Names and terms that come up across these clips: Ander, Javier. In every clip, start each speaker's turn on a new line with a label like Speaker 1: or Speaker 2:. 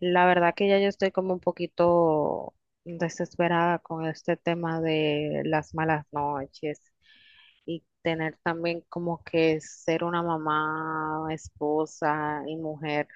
Speaker 1: La verdad que ya yo estoy como un poquito desesperada con este tema de las malas noches y tener también como que ser una mamá, esposa y mujer,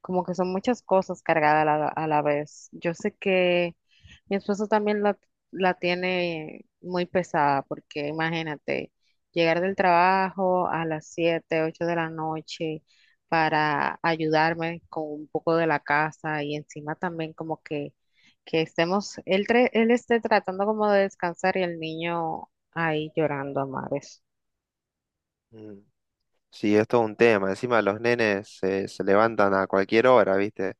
Speaker 1: como que son muchas cosas cargadas a la vez. Yo sé que mi esposo también la tiene muy pesada, porque imagínate, llegar del trabajo a las 7, 8 de la noche para ayudarme con un poco de la casa y encima también como que estemos, él, él esté tratando como de descansar y el niño ahí llorando a mares.
Speaker 2: Mm. Sí, es todo un tema. Encima los nenes se levantan a cualquier hora, ¿viste?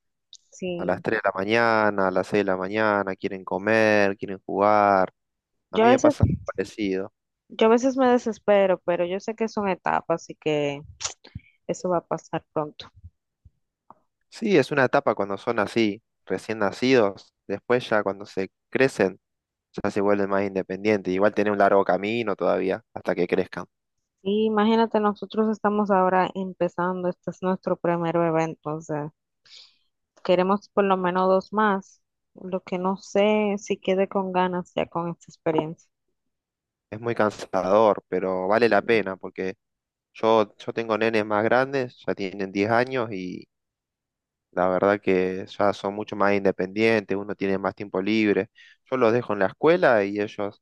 Speaker 2: A las
Speaker 1: Sí,
Speaker 2: 3 de la mañana, a las 6 de la mañana, quieren comer, quieren jugar. A
Speaker 1: yo a
Speaker 2: mí me
Speaker 1: veces,
Speaker 2: pasa algo parecido.
Speaker 1: yo a veces me desespero, pero yo sé que son etapas, así que eso va a pasar pronto.
Speaker 2: Sí, es una etapa cuando son así, recién nacidos. Después ya cuando se crecen, ya se vuelven más independientes. Igual tienen un largo camino todavía hasta que crezcan.
Speaker 1: Y imagínate, nosotros estamos ahora empezando, este es nuestro primer bebé, entonces queremos por lo menos dos más, lo que no sé si quede con ganas ya con esta experiencia.
Speaker 2: Es muy cansador, pero vale
Speaker 1: Y,
Speaker 2: la pena porque yo tengo nenes más grandes, ya tienen 10 años, y la verdad que ya son mucho más independientes, uno tiene más tiempo libre. Yo los dejo en la escuela y ellos,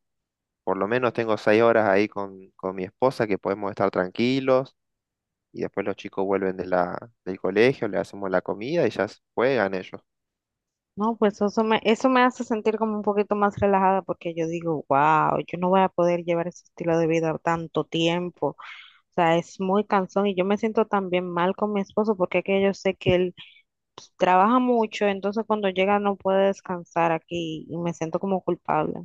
Speaker 2: por lo menos tengo 6 horas ahí con mi esposa que podemos estar tranquilos, y después los chicos vuelven de del colegio, le hacemos la comida y ya juegan ellos.
Speaker 1: No, pues eso me hace sentir como un poquito más relajada porque yo digo, wow, yo no voy a poder llevar ese estilo de vida tanto tiempo. O sea, es muy cansón y yo me siento también mal con mi esposo porque es que yo sé que él trabaja mucho, entonces cuando llega no puede descansar aquí y me siento como culpable.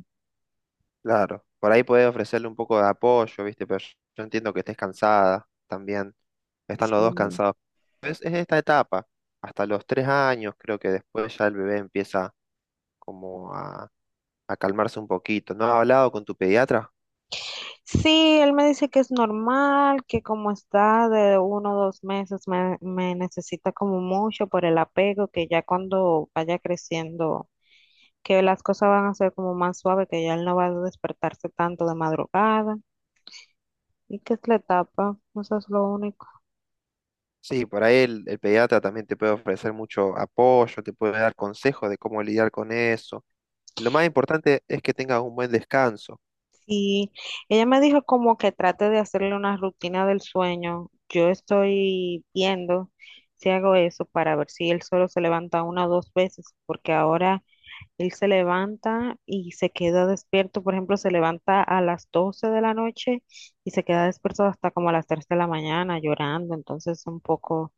Speaker 2: Claro, por ahí podés ofrecerle un poco de apoyo, ¿viste? Pero yo entiendo que estés cansada también. Están los dos
Speaker 1: Sí.
Speaker 2: cansados. Es esta etapa, hasta los 3 años, creo que después ya el bebé empieza como a calmarse un poquito. ¿No has hablado con tu pediatra?
Speaker 1: Sí, él me dice que es normal, que como está de uno o dos meses me necesita como mucho por el apego, que ya cuando vaya creciendo, que las cosas van a ser como más suaves, que ya él no va a despertarse tanto de madrugada y que es la etapa, eso es lo único.
Speaker 2: Sí, por ahí el pediatra también te puede ofrecer mucho apoyo, te puede dar consejos de cómo lidiar con eso. Lo más importante es que tengas un buen descanso.
Speaker 1: Sí, ella me dijo como que trate de hacerle una rutina del sueño. Yo estoy viendo si hago eso para ver si él solo se levanta una o dos veces, porque ahora él se levanta y se queda despierto. Por ejemplo, se levanta a las 12 de la noche y se queda despierto hasta como a las 3 de la mañana llorando. Entonces, un poco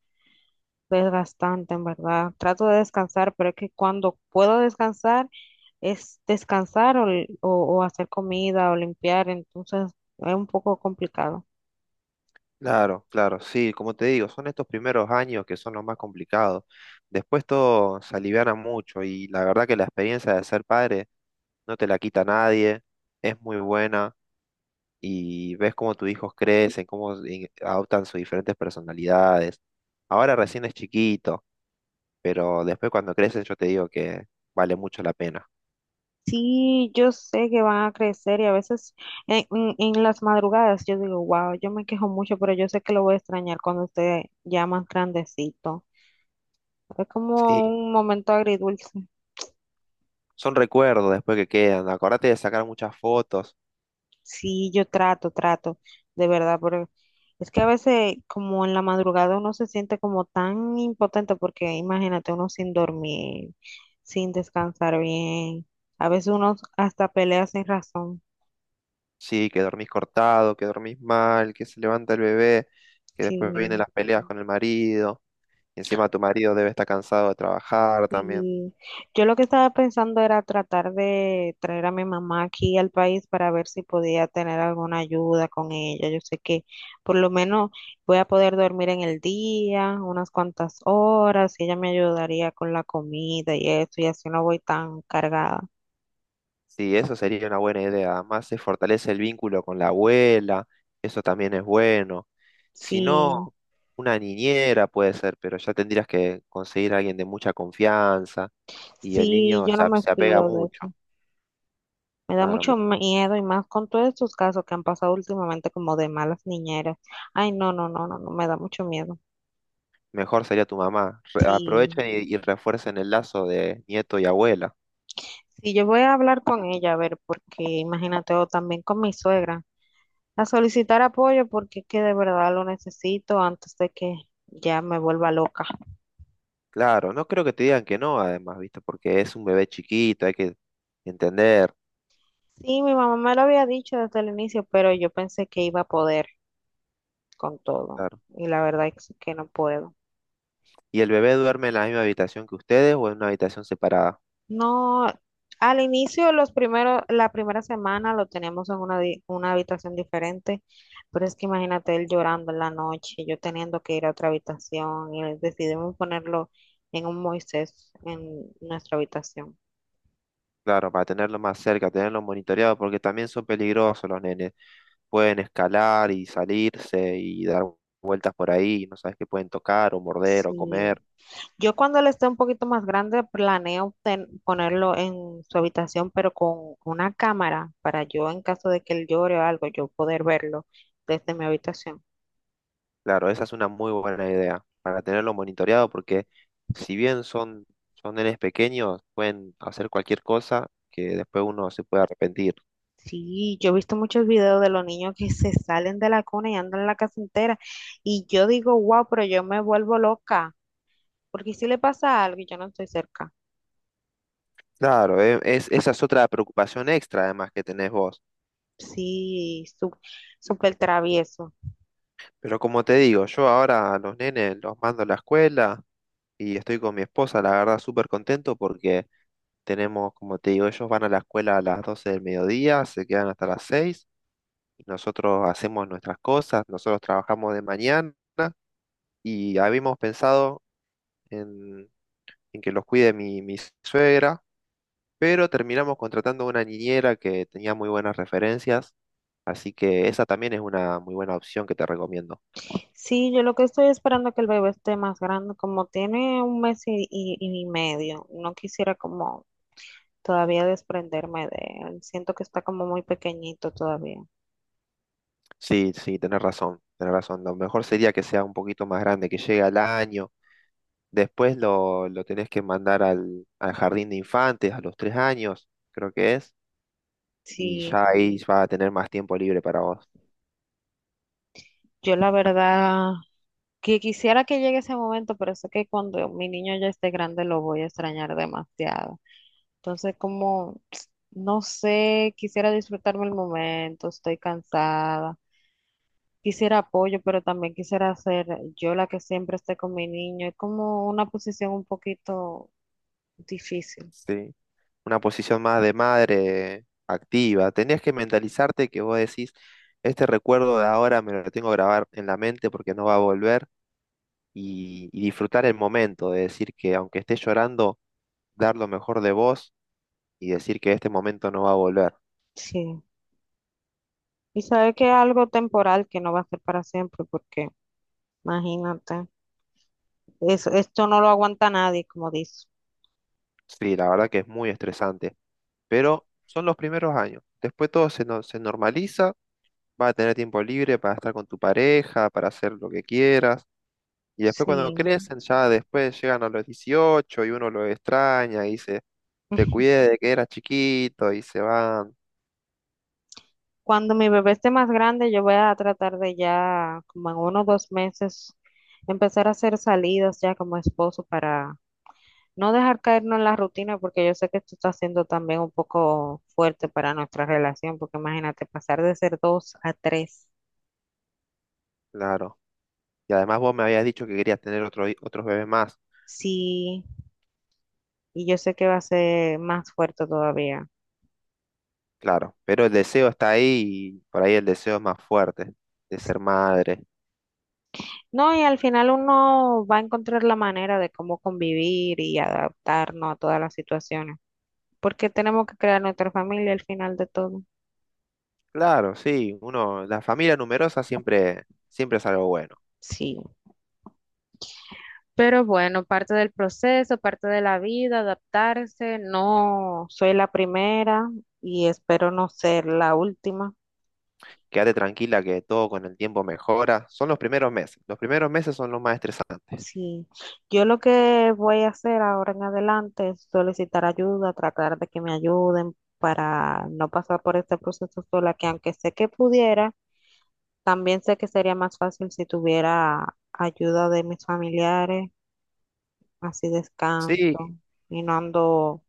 Speaker 1: es bastante, en verdad. Trato de descansar, pero es que cuando puedo descansar es descansar o hacer comida o limpiar, entonces es un poco complicado.
Speaker 2: Claro, claro, sí, como te digo, son estos primeros años que son los más complicados. Después todo se aliviana mucho y la verdad que la experiencia de ser padre no te la quita nadie, es muy buena. Y ves cómo tus hijos crecen, cómo adoptan sus diferentes personalidades. Ahora recién es chiquito, pero después cuando crecen yo te digo que vale mucho la pena.
Speaker 1: Sí, yo sé que van a crecer y a veces en las madrugadas yo digo, wow, yo me quejo mucho, pero yo sé que lo voy a extrañar cuando esté ya más grandecito. Es como
Speaker 2: Sí,
Speaker 1: un momento agridulce.
Speaker 2: son recuerdos después que quedan. Acordate de sacar muchas fotos.
Speaker 1: Sí, yo trato, trato, de verdad, pero es que a veces como en la madrugada uno se siente como tan impotente porque imagínate uno sin dormir, sin descansar bien, a veces uno hasta pelea sin razón.
Speaker 2: Sí, que dormís cortado, que dormís mal, que se levanta el bebé, que
Speaker 1: Sí.
Speaker 2: después vienen las peleas con el marido. Y encima tu marido debe estar cansado de trabajar también.
Speaker 1: Sí, yo lo que estaba pensando era tratar de traer a mi mamá aquí al país para ver si podía tener alguna ayuda con ella. Yo sé que por lo menos voy a poder dormir en el día unas cuantas horas y ella me ayudaría con la comida y eso, y así no voy tan cargada.
Speaker 2: Sí, eso sería una buena idea. Además, se fortalece el vínculo con la abuela, eso también es bueno. Si no,
Speaker 1: Sí,
Speaker 2: una niñera puede ser, pero ya tendrías que conseguir a alguien de mucha confianza, y el
Speaker 1: sí,
Speaker 2: niño
Speaker 1: yo
Speaker 2: se,
Speaker 1: no me
Speaker 2: se apega
Speaker 1: fío de
Speaker 2: mucho.
Speaker 1: eso. Me da
Speaker 2: Claro,
Speaker 1: mucho miedo y más con todos estos casos que han pasado últimamente como de malas niñeras. Ay, no, no, no, no, no, me da mucho miedo.
Speaker 2: mejor sería tu mamá.
Speaker 1: Sí.
Speaker 2: Aprovechen y refuercen el lazo de nieto y abuela.
Speaker 1: Sí, yo voy a hablar con ella, a ver, porque imagínate, o también con mi suegra, a solicitar apoyo porque es que de verdad lo necesito antes de que ya me vuelva loca.
Speaker 2: Claro, no creo que te digan que no, además, ¿viste? Porque es un bebé chiquito, hay que entender.
Speaker 1: Sí, mi mamá me lo había dicho desde el inicio, pero yo pensé que iba a poder con todo
Speaker 2: Claro.
Speaker 1: y la verdad es que no puedo.
Speaker 2: ¿Y el bebé duerme en la misma habitación que ustedes o en una habitación separada?
Speaker 1: No, al inicio, los primeros, la primera semana lo tenemos en una, una habitación diferente, pero es que imagínate él llorando en la noche, yo teniendo que ir a otra habitación decidimos ponerlo en un Moisés en nuestra habitación.
Speaker 2: Claro, para tenerlo más cerca, tenerlo monitoreado, porque también son peligrosos los nenes. Pueden escalar y salirse y dar vueltas por ahí, y no sabes qué pueden tocar o morder o
Speaker 1: Sí.
Speaker 2: comer.
Speaker 1: Yo cuando él esté un poquito más grande planeo ponerlo en su habitación, pero con una cámara para yo en caso de que él llore o algo, yo poder verlo desde mi habitación.
Speaker 2: Claro, esa es una muy buena idea, para tenerlo monitoreado, porque si bien son nenes pequeños, pueden hacer cualquier cosa que después uno se puede arrepentir.
Speaker 1: Sí, yo he visto muchos videos de los niños que se salen de la cuna y andan en la casa entera. Y yo digo, wow, pero yo me vuelvo loca. Porque si le pasa algo y yo no estoy cerca.
Speaker 2: Claro, esa es otra preocupación extra además que tenés vos.
Speaker 1: Sí, súper travieso.
Speaker 2: Pero como te digo, yo ahora a los nenes los mando a la escuela y estoy con mi esposa, la verdad, súper contento porque tenemos, como te digo, ellos van a la escuela a las 12 del mediodía, se quedan hasta las 6 y nosotros hacemos nuestras cosas, nosotros trabajamos de mañana y habíamos pensado en, en que los cuide mi suegra, pero terminamos contratando una niñera que tenía muy buenas referencias, así que esa también es una muy buena opción que te recomiendo.
Speaker 1: Sí, yo lo que estoy esperando es que el bebé esté más grande. Como tiene un mes y medio, no quisiera como todavía desprenderme de él. Siento que está como muy pequeñito todavía.
Speaker 2: Sí, sí, tenés razón, tenés razón. Lo mejor sería que sea un poquito más grande, que llegue al año. Después lo tenés que mandar al jardín de infantes a los 3 años, creo que es, y
Speaker 1: Sí,
Speaker 2: ya ahí va a tener más tiempo libre para vos.
Speaker 1: yo la verdad que quisiera que llegue ese momento, pero sé que cuando mi niño ya esté grande lo voy a extrañar demasiado. Entonces, como, no sé, quisiera disfrutarme el momento, estoy cansada, quisiera apoyo, pero también quisiera ser yo la que siempre esté con mi niño. Es como una posición un poquito difícil.
Speaker 2: Sí. Una posición más de madre activa. Tenés que mentalizarte que vos decís, este recuerdo de ahora me lo tengo que grabar en la mente porque no va a volver y disfrutar el momento, de decir que aunque estés llorando, dar lo mejor de vos y decir que este momento no va a volver.
Speaker 1: Sí. Y sabe que es algo temporal que no va a ser para siempre, porque imagínate, eso, esto no lo aguanta nadie, como dice.
Speaker 2: Sí, la verdad que es muy estresante, pero son los primeros años. Después todo se, no- se normaliza, vas a tener tiempo libre para estar con tu pareja, para hacer lo que quieras. Y después cuando
Speaker 1: Sí.
Speaker 2: crecen, ya después llegan a los 18 y uno lo extraña y dice, te cuidé de que eras chiquito y se van.
Speaker 1: Cuando mi bebé esté más grande, yo voy a tratar de ya, como en uno o dos meses, empezar a hacer salidas ya como esposo para no dejar caernos en la rutina, porque yo sé que esto está siendo también un poco fuerte para nuestra relación, porque imagínate pasar de ser dos a tres,
Speaker 2: Claro. Y además vos me habías dicho que querías tener otros bebés más.
Speaker 1: sí, y yo sé que va a ser más fuerte todavía.
Speaker 2: Claro. Pero el deseo está ahí y por ahí el deseo es más fuerte de ser madre.
Speaker 1: No, y al final uno va a encontrar la manera de cómo convivir y adaptarnos a todas las situaciones, porque tenemos que crear nuestra familia al final de todo.
Speaker 2: Claro, sí, uno, la familia numerosa siempre, siempre es algo bueno.
Speaker 1: Sí. Pero bueno, parte del proceso, parte de la vida, adaptarse. No soy la primera y espero no ser la última.
Speaker 2: Quédate tranquila que todo con el tiempo mejora. Son los primeros meses. Los primeros meses son los más estresantes.
Speaker 1: Sí, yo lo que voy a hacer ahora en adelante es solicitar ayuda, tratar de que me ayuden para no pasar por este proceso sola, que aunque sé que pudiera, también sé que sería más fácil si tuviera ayuda de mis familiares, así
Speaker 2: Sí,
Speaker 1: descanso y no ando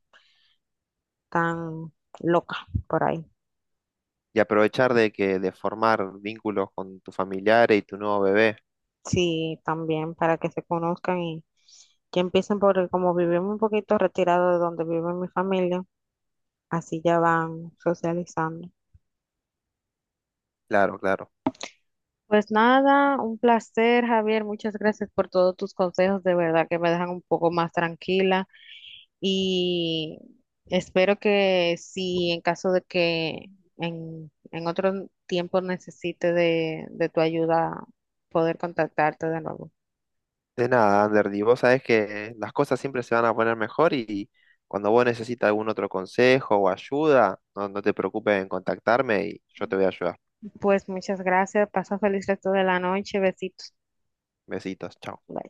Speaker 1: tan loca por ahí.
Speaker 2: y aprovechar de que de formar vínculos con tus familiares y tu nuevo bebé.
Speaker 1: Sí, también para que se conozcan y que empiecen por, como vivimos un poquito retirado de donde vive mi familia, así ya van socializando.
Speaker 2: Claro, claro.
Speaker 1: Pues nada, un placer, Javier. Muchas gracias por todos tus consejos. De verdad que me dejan un poco más tranquila y espero que si en caso de que en otro tiempo necesite de tu ayuda, poder contactarte de nuevo.
Speaker 2: De nada, Ander, y vos sabés que las cosas siempre se van a poner mejor y cuando vos necesitas algún otro consejo o ayuda, no, no te preocupes en contactarme y yo te voy a ayudar.
Speaker 1: Pues muchas gracias. Pasa feliz resto de la noche. Besitos.
Speaker 2: Besitos, chao.
Speaker 1: Bye.